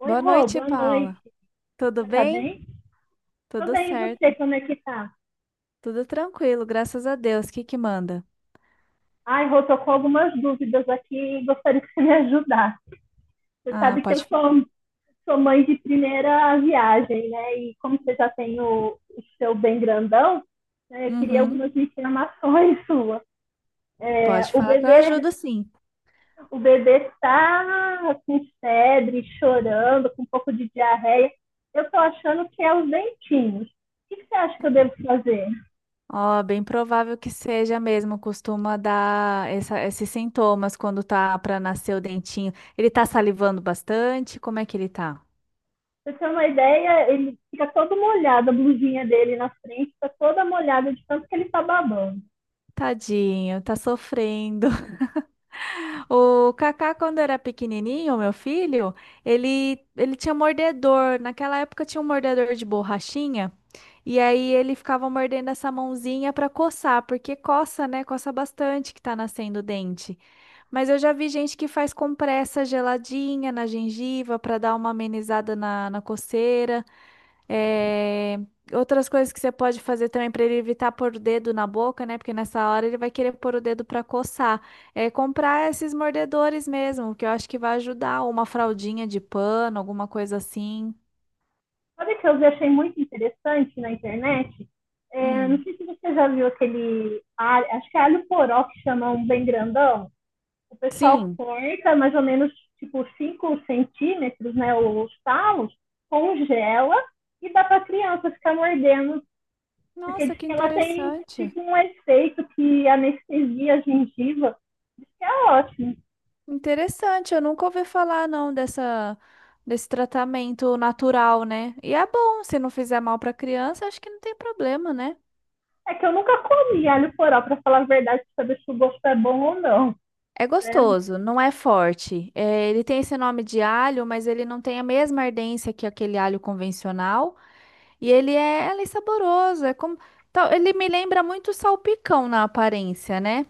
Oi, Boa Rô, noite, boa noite. Paula. Tudo Você tá bem? bem? Tô Tudo bem, e você, certo, como é que tá? tudo tranquilo, graças a Deus. O que que manda? Ai, Rô, tô com algumas dúvidas aqui e gostaria que você me ajudasse. Você Ah, sabe que eu pode falar? sou mãe de primeira viagem, né? E como você já tem o seu bem grandão, né, eu queria Uhum, algumas informações suas. É, pode falar que eu ajudo sim. o bebê tá com febre, chorando, com um pouco de diarreia. Eu tô achando que é os dentinhos. O que que você acha que eu devo fazer? Ó, bem provável que seja mesmo, costuma dar esses sintomas quando tá pra nascer o dentinho. Ele tá salivando bastante? Como é que ele tá? Pra você ter uma ideia, ele fica todo molhado, a blusinha dele na frente está toda molhada de tanto que ele está babando. Tadinho, tá sofrendo. O Kaká, quando era pequenininho, meu filho, ele tinha mordedor. Naquela época tinha um mordedor de borrachinha. E aí ele ficava mordendo essa mãozinha para coçar, porque coça, né? Coça bastante que tá nascendo o dente. Mas eu já vi gente que faz compressa geladinha na gengiva para dar uma amenizada na coceira. É, outras coisas que você pode fazer também para ele evitar pôr o dedo na boca, né? Porque nessa hora ele vai querer pôr o dedo para coçar. É comprar esses mordedores mesmo, que eu acho que vai ajudar. Ou uma fraldinha de pano, alguma coisa assim. Sabe o que eu achei muito interessante na internet? É, não Hum. sei se você já viu aquele alho, acho que é alho poró que chama um bem grandão. O pessoal Sim. corta mais ou menos tipo 5 centímetros, né, os talos, congela e dá para a criança ficar mordendo, porque Nossa, diz que que ela tem interessante. tipo um efeito que anestesia a gengiva, isso é ótimo. Interessante, eu nunca ouvi falar não dessa desse tratamento natural, né? E é bom, se não fizer mal para criança, acho que não tem problema, né? É que eu nunca comi alho poró, pra falar a verdade, pra saber se o gosto é bom ou não, É né? gostoso, não é forte. É, ele tem esse nome de alho, mas ele não tem a mesma ardência que aquele alho convencional. E ele é saboroso, ele me lembra muito salpicão na aparência, né?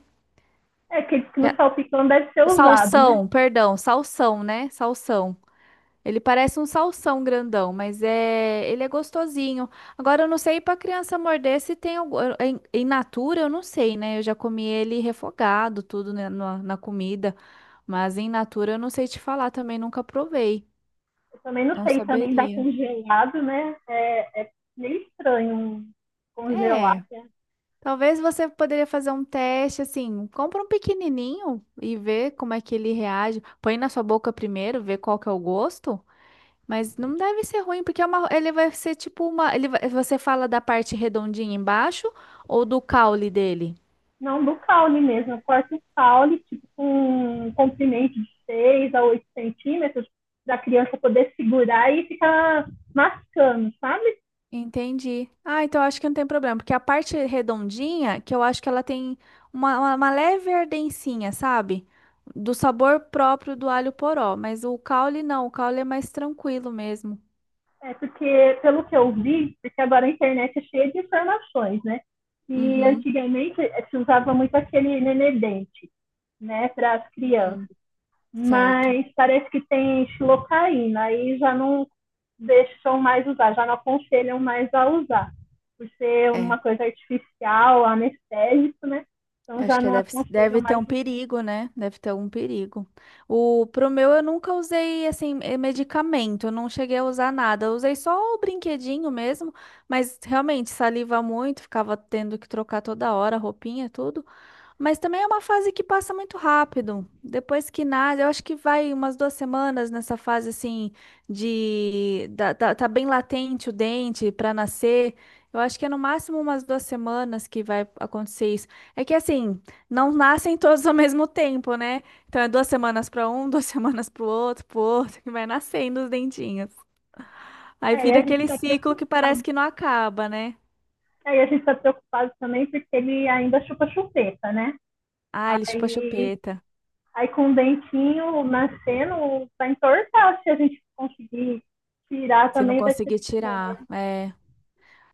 É que diz que no é- salpicão deve ser usado, né? Salsão, perdão, salsão, né? Salsão. Ele parece um salsão grandão, mas ele é gostosinho. Agora eu não sei para criança morder se tem algum, em natura, eu não sei, né? Eu já comi ele refogado, tudo né, na comida, mas em natura eu não sei te falar também, nunca provei. Eu também não Não sei, também dá saberia. congelado, né? É, é meio estranho um congelar, É, né? talvez você poderia fazer um teste assim, compra um pequenininho e vê como é que ele reage. Põe na sua boca primeiro, vê qual que é o gosto. Mas não deve ser ruim, porque ele vai ser tipo uma. Você fala da parte redondinha embaixo ou do caule dele? Não, do caule mesmo. Eu corto o caule, tipo, com um comprimento de 6 a 8 centímetros, pra criança poder segurar e ficar mascando, sabe? Entendi. Ah, então eu acho que não tem problema, porque a parte redondinha, que eu acho que ela tem uma leve ardencinha, sabe? Do sabor próprio do alho poró. Mas o caule não, o caule é mais tranquilo mesmo. É, porque, pelo que eu vi, porque agora a internet é cheia de informações, né? E Uhum. antigamente se usava muito aquele nenedente, né, para as crianças. Hum, certo. Mas parece que tem xilocaína, aí já não deixam mais usar, já não aconselham mais a usar, por ser uma É. coisa artificial, anestésico, né? Então Eu acho já que não aconselham deve ter mais um usar. perigo, né? Deve ter um perigo. O, eu nunca usei, assim, medicamento. Eu não cheguei a usar nada. Eu usei só o brinquedinho mesmo. Mas, realmente, saliva muito. Ficava tendo que trocar toda hora, roupinha, tudo. Mas também é uma fase que passa muito rápido. Depois que nasce, eu acho que vai umas duas semanas nessa fase assim de tá bem latente o dente para nascer. Eu acho que é no máximo umas duas semanas que vai acontecer isso. É que assim, não nascem todos ao mesmo tempo, né? Então é duas semanas para um, duas semanas para o outro, que vai nascendo os dentinhos. Aí É, e a vira gente aquele está ciclo que parece preocupado. que não acaba, né? Aí a gente está preocupado também porque ele ainda chupa chupeta, né? Ah, ele chupa a Aí chupeta. Aí com o dentinho nascendo, vai entortar. Se a gente conseguir tirar Se não também, vai ser conseguir bom, tirar, né? é.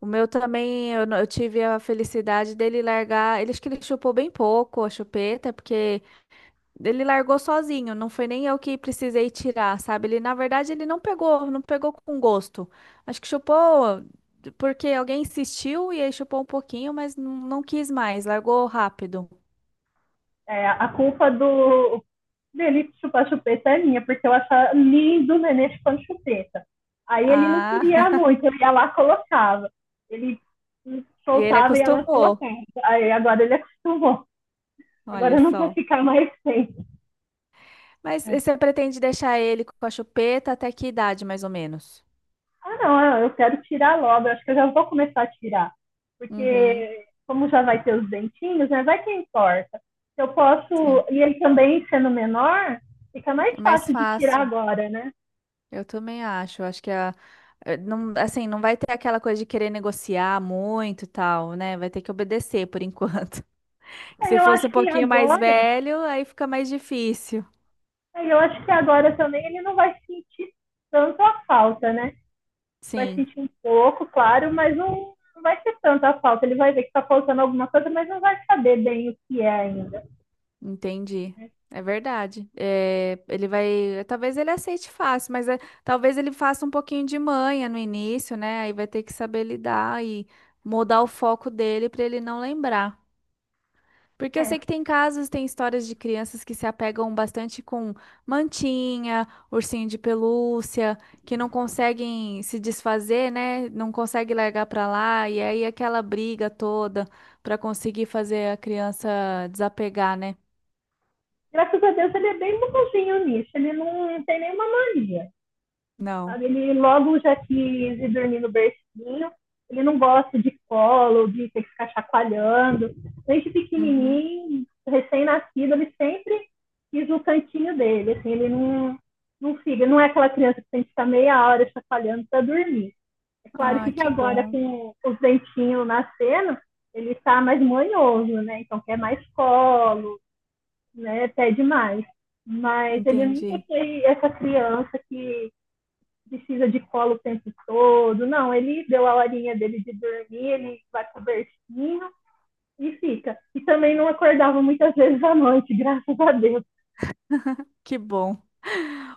O meu também, eu, não- eu tive a felicidade dele largar. Ele acho que ele chupou bem pouco a chupeta, porque ele largou sozinho, não foi nem eu que precisei tirar, sabe? Ele, na verdade, ele não pegou, não pegou com gosto. Acho que chupou porque alguém insistiu e aí chupou um pouquinho, mas não, não quis mais, largou rápido. É, a culpa do dele chupar chupeta é minha, porque eu achava lindo o neném chupando chupeta. Aí ele não Ah, queria muito, eu ia lá e colocava. Ele e ele soltava e ia lá e acostumou, colocava. Aí agora ele acostumou. olha Agora não quer só. ficar mais sem. Mas É. e você pretende deixar ele com a chupeta até que idade, mais ou menos? Ah, não, ah, eu quero tirar logo. Eu acho que eu já vou começar a tirar. Uhum, Porque, como já vai ter os dentinhos, né? Vai que importa. Eu posso. sim. E ele também sendo menor, fica mais É mais fácil de tirar fácil. agora, né? Eu também acho. Eu acho que não, assim, não vai ter aquela coisa de querer negociar muito e tal, né? Vai ter que obedecer por enquanto. Que Aí se eu fosse acho um que pouquinho mais agora. velho, aí fica mais difícil. Aí eu acho que agora também ele não vai sentir tanto a falta, né? Vai Sim, sentir um pouco, claro, mas não, não vai ser tanto a falta. Ele vai ver que tá faltando alguma coisa, mas não vai saber bem o que é ainda. entendi. Né? É verdade. Eh, ele vai. Talvez ele aceite fácil, talvez ele faça um pouquinho de manha no início, né? Aí vai ter que saber lidar e mudar o foco dele para ele não lembrar. Porque eu É, sei que tem casos, tem histórias de crianças que se apegam bastante com mantinha, ursinho de pelúcia, que não conseguem se desfazer, né? Não conseguem largar pra lá, e aí aquela briga toda pra conseguir fazer a criança desapegar, né? graças a Deus, ele é bem bonzinho nisso. Ele não tem nenhuma mania, Não. sabe? Ele logo já quis ir dormir no bercinho. Ele não gosta de colo, de ter que ficar chacoalhando. Desde Uhum. pequenininho, recém-nascido, ele sempre quis o cantinho dele. Assim, ele não fica, não é aquela criança que tem que ficar meia hora chacoalhando para dormir. É claro Ah, que que agora, bom. com os dentinhos nascendo, ele está mais manhoso, né? Então quer mais colo, né? Até demais. Mas ele nunca Entendi. foi essa criança que precisa de colo o tempo todo. Não, ele deu a horinha dele de dormir, ele vai pro bercinho e fica. E também não acordava muitas vezes à noite, graças a Deus. Que bom.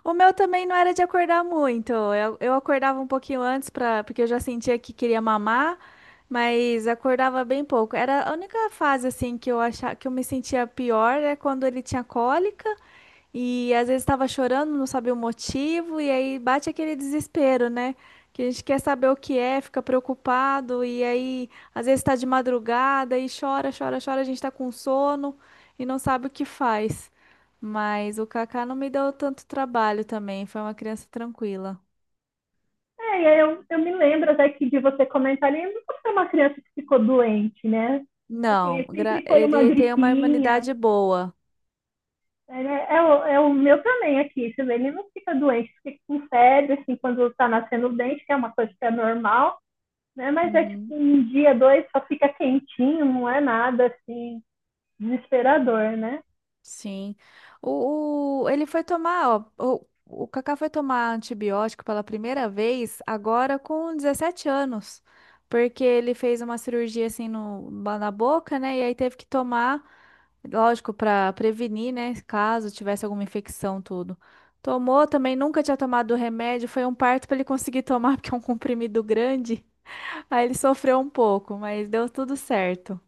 O meu também não era de acordar muito. Eu acordava um pouquinho antes para, porque eu já sentia que queria mamar, mas acordava bem pouco. Era a única fase assim que eu achava que eu me sentia pior é quando ele tinha cólica. E às vezes estava chorando, não sabia o motivo, e aí bate aquele desespero, né? Que a gente quer saber o que é, fica preocupado, e aí às vezes está de madrugada e chora, chora, chora, a gente está com sono e não sabe o que faz. Mas o Kaká não me deu tanto trabalho também, foi uma criança tranquila. É, eu me lembro até que de você comentar ali, eu nunca fui uma criança que ficou doente, né? Assim, Não, sempre foi uma ele tem uma gripinha. imunidade boa. Ele é o meu também aqui, você vê, ele não fica doente, fica com febre, assim, quando tá nascendo o dente, que é uma coisa que é normal, né? Mas é tipo Uhum. um dia, dois, só fica quentinho, não é nada, assim, desesperador, né? Sim. O- ele foi tomar, ó, o Kaká foi tomar antibiótico pela primeira vez agora com 17 anos, porque ele fez uma cirurgia assim no, na boca, né? E aí teve que tomar, lógico, para prevenir, né? Caso tivesse alguma infecção, tudo. Tomou também, nunca tinha tomado o remédio, foi um parto para ele conseguir tomar, porque é um comprimido grande. Aí ele sofreu um pouco, mas deu tudo certo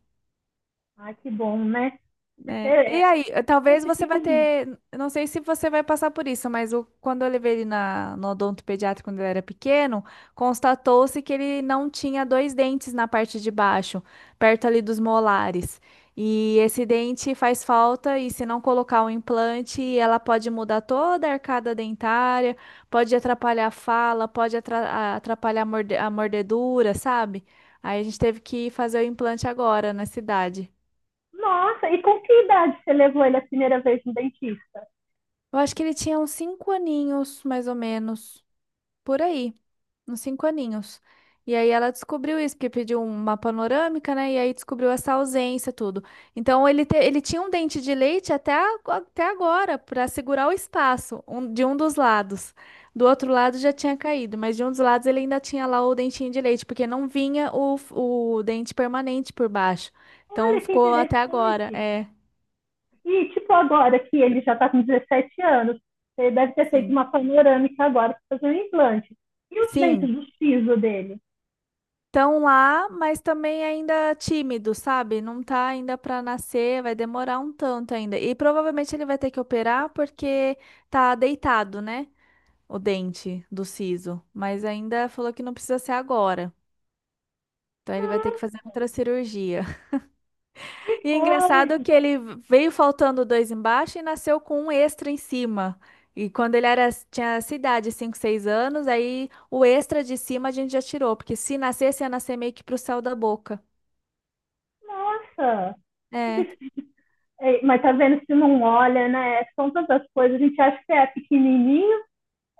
Ah, que bom, né? Porque né? E é, aí, eh, eu talvez você vai fico, ter, eu não sei se você vai passar por isso, mas quando eu levei ele no odontopediatra quando ele era pequeno, constatou-se que ele não tinha dois dentes na parte de baixo, perto ali dos molares. E esse dente faz falta, e se não colocar o implante, ela pode mudar toda a arcada dentária, pode atrapalhar a fala, pode atrapalhar a a mordedura, sabe? Aí a gente teve que fazer o implante agora na cidade. nossa, e com que idade você levou ele a primeira vez no dentista? Eu acho que ele tinha uns 5 aninhos, mais ou menos, por aí, uns 5 aninhos. E aí ela descobriu isso, porque pediu uma panorâmica, né? E aí descobriu essa ausência, tudo. Então ele tinha um dente de leite até, até agora, para segurar o espaço de um dos lados. Do outro lado já tinha caído, mas de um dos lados ele ainda tinha lá o dentinho de leite, porque não vinha o dente permanente por baixo. Então Olha que ficou até agora, interessante. é. E, tipo, agora que ele já está com 17 anos, ele deve ter feito Sim. uma panorâmica agora para fazer um implante. E os dentes Sim. do siso dele? Estão lá, mas também ainda tímido, sabe? Não tá ainda para nascer, vai demorar um tanto ainda. E provavelmente ele vai ter que operar porque tá deitado, né? O dente do siso. Mas ainda falou que não precisa ser agora. Então ele vai Nossa, ter que fazer outra cirurgia. que E é engraçado coisa! que ele veio faltando dois embaixo e nasceu com um extra em cima. E quando ele era, tinha essa idade, 5, 6 anos, aí o extra de cima a gente já tirou, porque se nascesse, ia nascer meio que pro céu da boca. Nossa! É. Mas tá vendo se não olha, né? São tantas coisas. A gente acha que é pequenininho,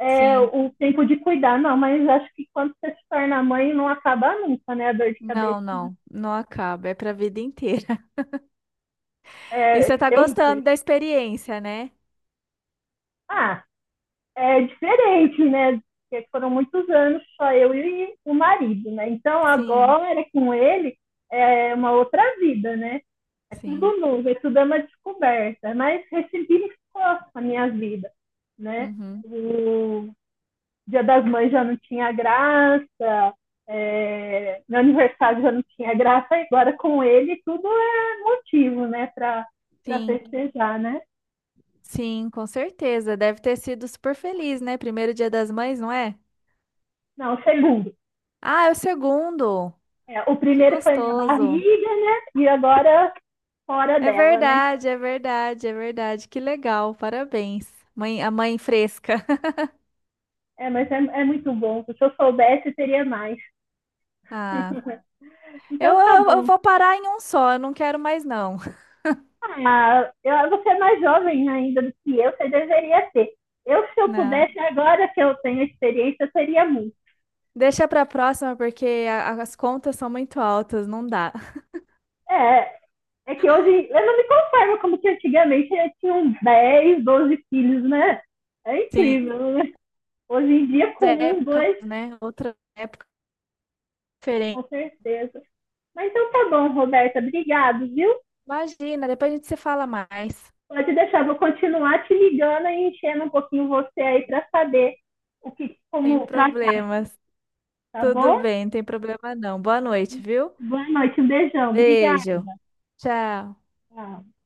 é Sim. o tempo de cuidar. Não, mas acho que quando você se torna mãe, não acaba nunca, né? A dor de cabeça. Não, não, não acaba, é pra vida inteira. E você É, tá eu gostando da experiência, né? ah, é diferente, né? Porque foram muitos anos só eu e o marido, né? Então Sim, agora é com ele é uma outra vida, né? É sim. tudo novo, é tudo é uma descoberta, mas ressignificou a minha vida, né? Uhum. O Dia das Mães já não tinha graça, é, meu aniversário já não tinha graça, agora com ele tudo é motivo, né, para Sim, festejar, né? sim, com certeza. Deve ter sido super feliz, né? Primeiro dia das mães, não é? Não, segundo. Ah, é o segundo. É, o Que primeiro foi minha gostoso. barriga, né? E agora fora É dela, né? verdade, é verdade, é verdade. Que legal. Parabéns. Mãe, a mãe fresca. É, mas é, é muito bom. Se eu soubesse, teria mais. Ah, então tá eu bom. vou parar em um só, eu não quero mais não. Ah, eu, você é mais jovem ainda do que eu, você deveria ter. Eu, se eu Não. pudesse, agora que eu tenho experiência, eu teria muito. Deixa pra próxima, porque as contas são muito altas, não dá. É, é que hoje eu não me conformo como que antigamente eu tinha uns 10, 12 filhos, né? É incrível, Sim, né? Hoje em dia, com um, épocas, dois, né? Outra época diferente. com certeza. Mas então tá bom, Roberta. Obrigado, viu? Imagina, depois a gente se fala mais. Pode deixar, vou continuar te ligando e enchendo um pouquinho você aí para saber o que, Sem como tratar, problemas. tá Tudo bom? bem, não tem problema não. Boa noite, viu? Boa noite, um beijão. Obrigada. Beijo. Tchau. Tchau.